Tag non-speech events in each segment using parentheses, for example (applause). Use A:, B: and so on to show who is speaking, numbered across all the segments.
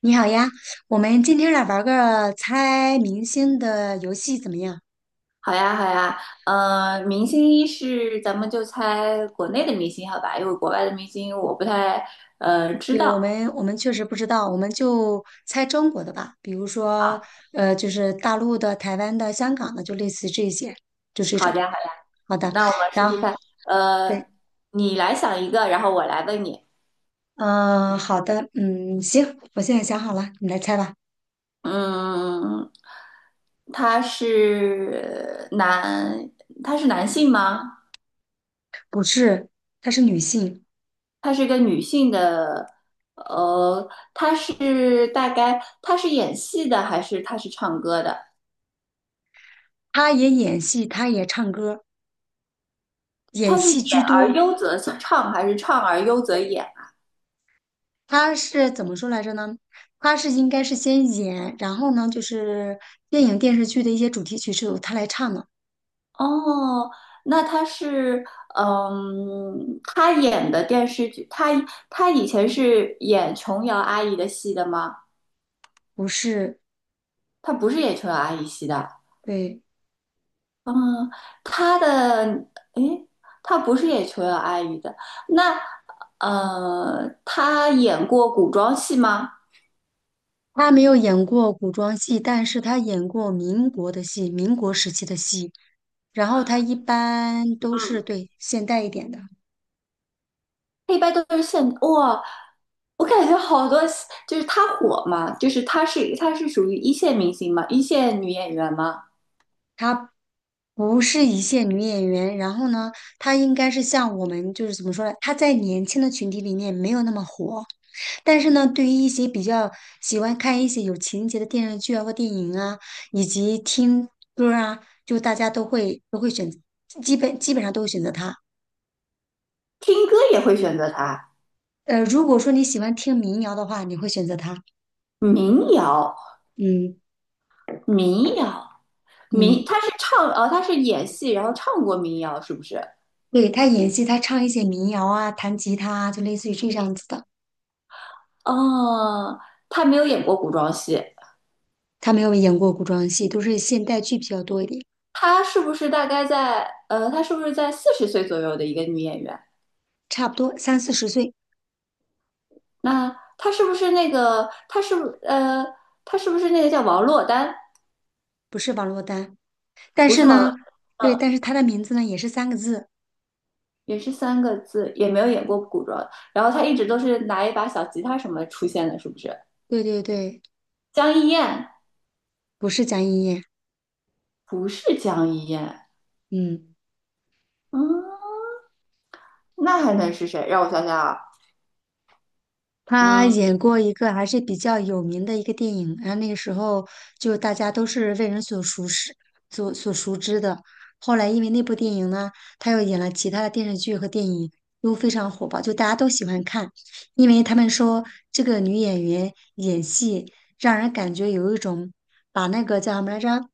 A: 你好呀，我们今天来玩个猜明星的游戏怎么样？
B: 好呀，好呀，明星一是咱们就猜国内的明星，好吧？因为国外的明星我不太知
A: 对，我
B: 道
A: 们我们确实不知道，我们就猜中国的吧，比如
B: 啊。
A: 说就是大陆的、台湾的、香港的，就类似这些，就这
B: 好
A: 种。
B: 的，好的，
A: 好的，
B: 那我们试
A: 然
B: 试
A: 后
B: 看。
A: 对，
B: 呃，你来想一个，然后我来问你。
A: 嗯、好的，嗯，行，我现在想好了，你来猜吧。
B: 嗯，他是男，他是男性吗？
A: 不是，她是女性，
B: 他是个女性的，呃，他是大概演戏的还是他是唱歌的？
A: 她也演戏，她也唱歌，演
B: 它是演
A: 戏居
B: 而
A: 多。
B: 优则唱，还是唱而优则演？
A: 他是怎么说来着呢？他是应该是先演，然后呢，就是电影电视剧的一些主题曲是由他来唱的，
B: 哦，那他是，嗯，他演的电视剧，他以前是演琼瑶阿姨的戏的吗？
A: 不是，
B: 他不是演琼瑶阿姨戏的，
A: 对，
B: 嗯，他的，诶，他不是演琼瑶阿姨的，那，他演过古装戏吗？
A: 他没有演过古装戏，但是他演过民国的戏，民国时期的戏，然后他一般都是
B: 嗯。
A: 对现代一点的，
B: 一般都是现哇，我感觉好多就是她火嘛，就是她是属于一线明星嘛，一线女演员嘛，
A: 他不是一线女演员，然后呢，她应该是像我们就是怎么说呢？她在年轻的群体里面没有那么火，但是呢，对于一些比较喜欢看一些有情节的电视剧啊或电影啊，以及听歌儿啊，就大家都会选，基本上都会选择她。
B: 听歌也会选择她，
A: 呃，如果说你喜欢听民谣的话，你会选择她。
B: 民谣，
A: 嗯
B: 民谣，
A: 嗯，
B: 她是唱哦，她是演戏，然后唱过民谣是不是？
A: 对，她演戏，她唱一些民谣啊，弹吉他啊，就类似于这样子的。
B: 哦，她没有演过古装戏，
A: 她没有演过古装戏，都是现代剧比较多一点。
B: 她是不是大概在她是不是在四十岁左右的一个女演员？
A: 差不多三四十岁，
B: 那她是不是她是不是那个叫王珞丹？
A: 不是王珞丹。但
B: 不
A: 是
B: 是王若，
A: 呢，对，
B: 嗯，
A: 但是她的名字呢也是三个字，
B: 也是三个字，也没有演过古装。然后他一直都是拿一把小吉他什么出现的，是不是？
A: 对对对，
B: 江一燕
A: 不是江一燕，
B: 不是江一燕，
A: 嗯。
B: 嗯，那还能是谁？让我想想啊，
A: 他
B: 嗯，
A: 演过一个还是比较有名的一个电影，然后那个时候就大家都是为人所熟识、所熟知的。后来因为那部电影呢，他又演了其他的电视剧和电影，都非常火爆，就大家都喜欢看，因为他们说这个女演员演戏让人感觉有一种把那个叫什么来着，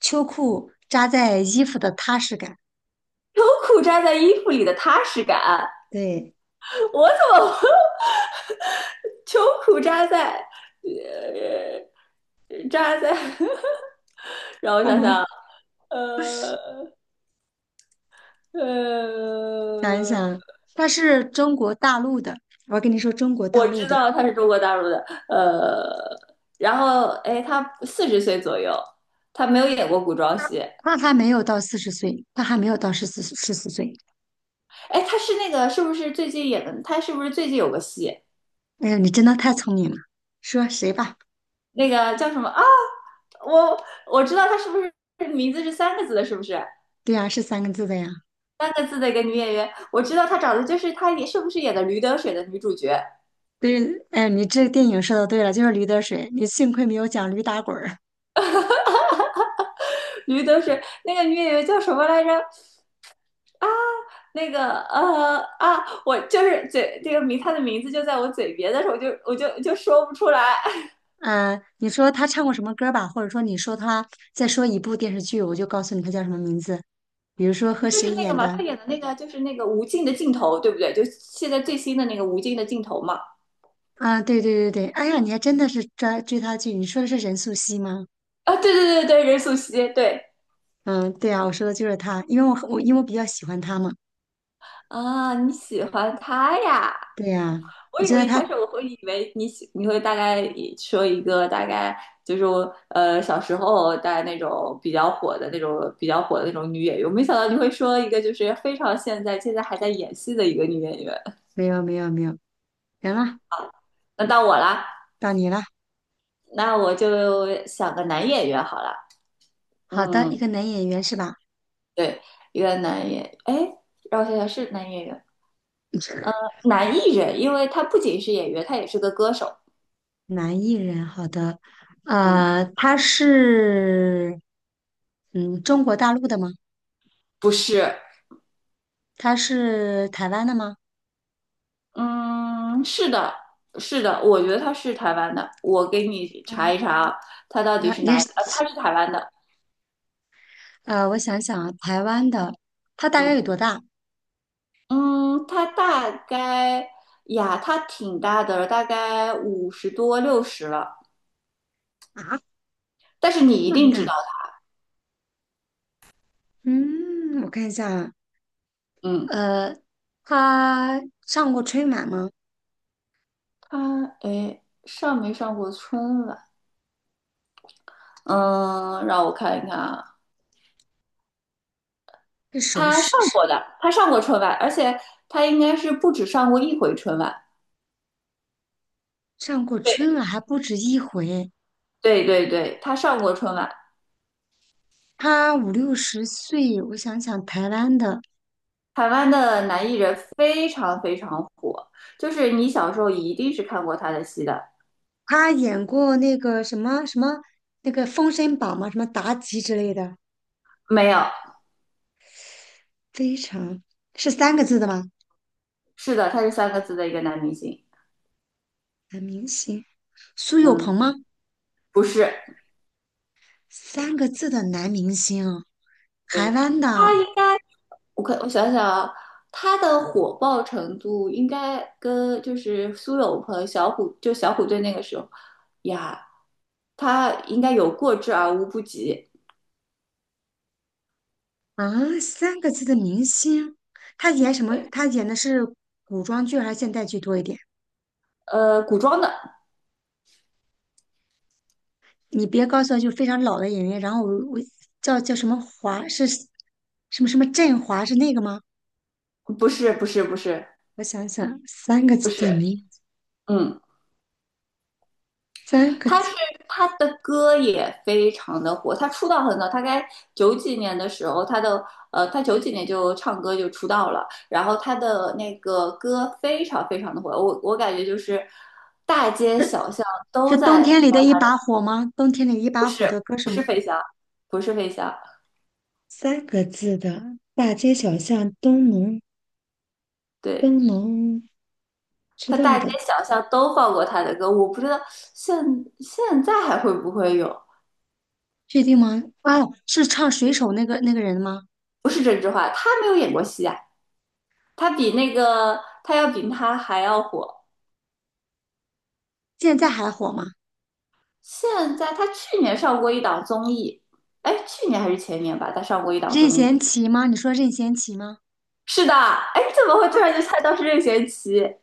A: 秋裤扎在衣服的踏实感。
B: 秋裤扎在衣服里的踏实感，
A: 对，
B: 我怎么 (laughs) 秋裤扎在，呃，扎在，(laughs) 让我
A: 干
B: 想
A: 嘛？
B: 想啊，
A: (laughs)
B: 呃
A: 想一
B: 呃。
A: 想，他是中国大陆的，我跟你说中国大
B: 我
A: 陆
B: 知
A: 的，
B: 道他是中国大陆的，呃，然后哎，他四十岁左右，他没有演过古装戏，
A: 他还没有到四十岁，他还没有到十四岁。
B: 哎，他是那个是不是最近演的？他是不是最近有个戏，
A: 哎呀，你真的太聪明了，说谁吧？
B: 那个叫什么啊？我我知道他是不是名字是三个字的，是不是？
A: 对呀、是三个字的呀。
B: 三个字的一个女演员，我知道她长得就是她也是不是演的《驴得水》的女主角？
A: 对，哎，你这个电影说的对了，就是驴得水，你幸亏没有讲驴打滚儿。
B: 驴得水那个女演员叫什么来着？那个我就是嘴这个名，她的名字就在我嘴边，但是我就说不出来。
A: 嗯、你说他唱过什么歌吧，或者说你说他再说一部电视剧，我就告诉你他叫什么名字。比如说和
B: 就
A: 谁
B: 是那个
A: 演
B: 嘛，
A: 的
B: 他演的那个就是那个无尽的尽头，对不对？就现在最新的那个无尽的尽头嘛。
A: 啊？对对对对，哎呀，你还真的是追他剧，你说的是任素汐吗？
B: 啊，对对对对，任素汐，对
A: 嗯，对啊，我说的就是他，因为我很我因为我比较喜欢他嘛。
B: 啊，你喜欢他呀？
A: 对呀，
B: 我
A: 我
B: 以
A: 觉得
B: 为一开
A: 他
B: 始我会以为你会大概说一个大概就是小时候大概那种比较火的那种女演员，我没想到你会说一个就是非常现在还在演戏的一个女演员。
A: 没有没有没有，行了，
B: 那到我啦，
A: 到你了。
B: 那我就想个男演员好了，
A: 好的，
B: 嗯。
A: 一个男演员是吧？
B: 对，一个男演员，哎，让我想想是男演员，男艺人，因为他不仅是演员，他也是个歌手。
A: 男艺人，好的。
B: 嗯，
A: 呃，他是嗯中国大陆的吗？
B: 不是，
A: 他是台湾的吗？
B: 嗯，是的，是的，我觉得他是台湾的，我给你查一
A: 呃
B: 查啊，他到底是哪？
A: 也是，
B: 他是台湾的。
A: 呃，我想想啊，台湾的，他大概
B: 嗯
A: 有多大
B: 嗯，他挺大的了大概50多60了，
A: 啊？
B: 但是你一
A: 那么
B: 定知道。
A: 大？嗯，我看一下啊，
B: 嗯，
A: 呃，他上过春晚吗？
B: 哎上没上过春晚？嗯，让我看一看啊，
A: 是首
B: 他上
A: 饰。
B: 过的，他上过春晚，而且他应该是不止上过一回春晚。
A: 上过春
B: 对
A: 晚还不止一回，
B: 对对对，他上过春晚。
A: 他五六十岁，我想想台湾的，
B: 台湾的男艺人非常非常火，就是你小时候一定是看过他的戏的。
A: 他演过那个什么什么那个《封神榜》嘛，什么妲己之类的，
B: 没有，
A: 非常是三个字的吗？
B: 是的，他是三个字的一个男明星。
A: 男明星，苏有
B: 嗯，
A: 朋吗？
B: 不是，
A: 三个字的男明星啊，台
B: 对，
A: 湾的
B: 应该我想想啊，他的火爆程度应该跟就是苏有朋、小虎，就小虎队那个时候呀，他应该有过之而无不及。
A: 啊，三个字的明星，他演什么？他演的是古装剧还是现代剧多一点？
B: 古装的，
A: 你别告诉我就非常老的演员，然后我叫什么华是什么什么振华是那个吗？
B: 不是，不是，不是，
A: 我想想，三个
B: 不
A: 字的
B: 是，
A: 名，
B: 嗯，
A: 三个
B: 他
A: 字
B: 是他的歌也非常的火，他出道很早，大概九几年的时候，他九几年就唱歌就出道了，然后他的那个歌非常非常的火，我感觉就是大街小巷
A: 是
B: 都
A: 冬
B: 在
A: 天里的
B: 放
A: 一
B: 他的，
A: 把火吗？冬天里一
B: 不
A: 把火
B: 是，
A: 的歌什么？
B: 不是飞翔，
A: 三个字的大街小巷都能都
B: 对。
A: 能知
B: 他
A: 道
B: 大街
A: 的，
B: 小巷都放过他的歌，我不知道现现在还会不会有。
A: 确定吗？哦，是唱水手那个那个人吗？
B: 不是郑智化，他没有演过戏啊。他要比他还要火。
A: 现在还火吗？
B: 现在他去年上过一档综艺，哎，去年还是前年吧，他上过一档
A: 任
B: 综艺。
A: 贤齐吗？你说任贤齐吗？
B: 是的，哎，你怎么会突然就猜到是任贤齐？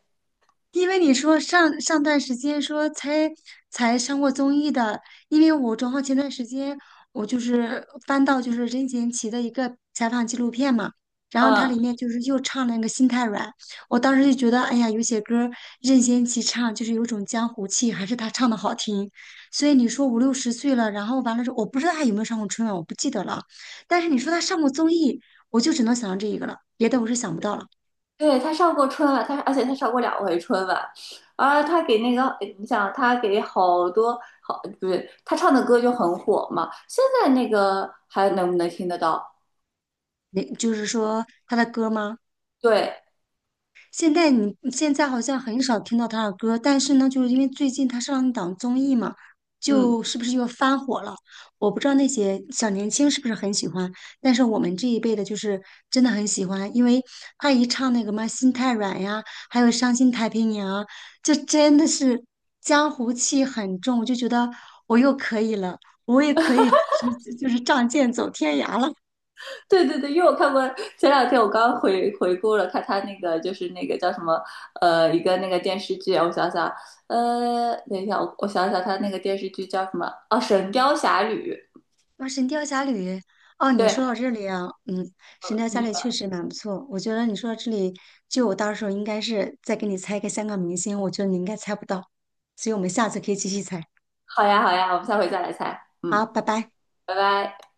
A: 因为你说上上段时间说才上过综艺的，因为我正好前段时间我翻到就是任贤齐的一个采访纪录片嘛，然后它
B: 嗯，
A: 里面就是又唱了那个《心太软》，我当时就觉得哎呀，有些歌儿任贤齐唱就是有种江湖气，还是他唱的好听。所以你说五六十岁了，然后完了之后，我不知道他有没有上过春晚，我不记得了。但是你说他上过综艺，我就只能想到这一个了，别的我是想不到了。
B: 对，他上过春晚，而且他上过两回春晚，啊，他给那个，哎你想他给好多好，不是他唱的歌就很火嘛。现在那个还能不能听得到？
A: 那就是说他的歌吗？
B: 对，
A: 现在你现在好像很少听到他的歌，但是呢，就是因为最近他上一档综艺嘛，
B: 嗯。
A: 就是不是又翻火了？我不知道那些小年轻是不是很喜欢，但是我们这一辈的，就是真的很喜欢，因为他一唱那个嘛《心太软》呀，还有《伤心太平洋》，就真的是江湖气很重，我就觉得我又可以了，我也可以直，就是仗剑走天涯了。
B: 对对对，因为我看过，前两天我刚回顾了看他那个，就是那个叫什么，一个那个电视剧啊，我想想，等一下，我想想，他那个电视剧叫什么？哦，《神雕侠侣》。
A: 哇，哦《神雕侠侣》哦，你
B: 对，
A: 说到这里啊，嗯，《神雕侠
B: 你
A: 侣》
B: 说
A: 确实蛮不错。我觉得你说到这里，就我到时候应该是再给你猜一个香港明星，我觉得你应该猜不到，所以我们下次可以继续猜。
B: 好呀好呀，我们下回再来猜。
A: 好，
B: 嗯，
A: 拜拜。
B: 拜拜。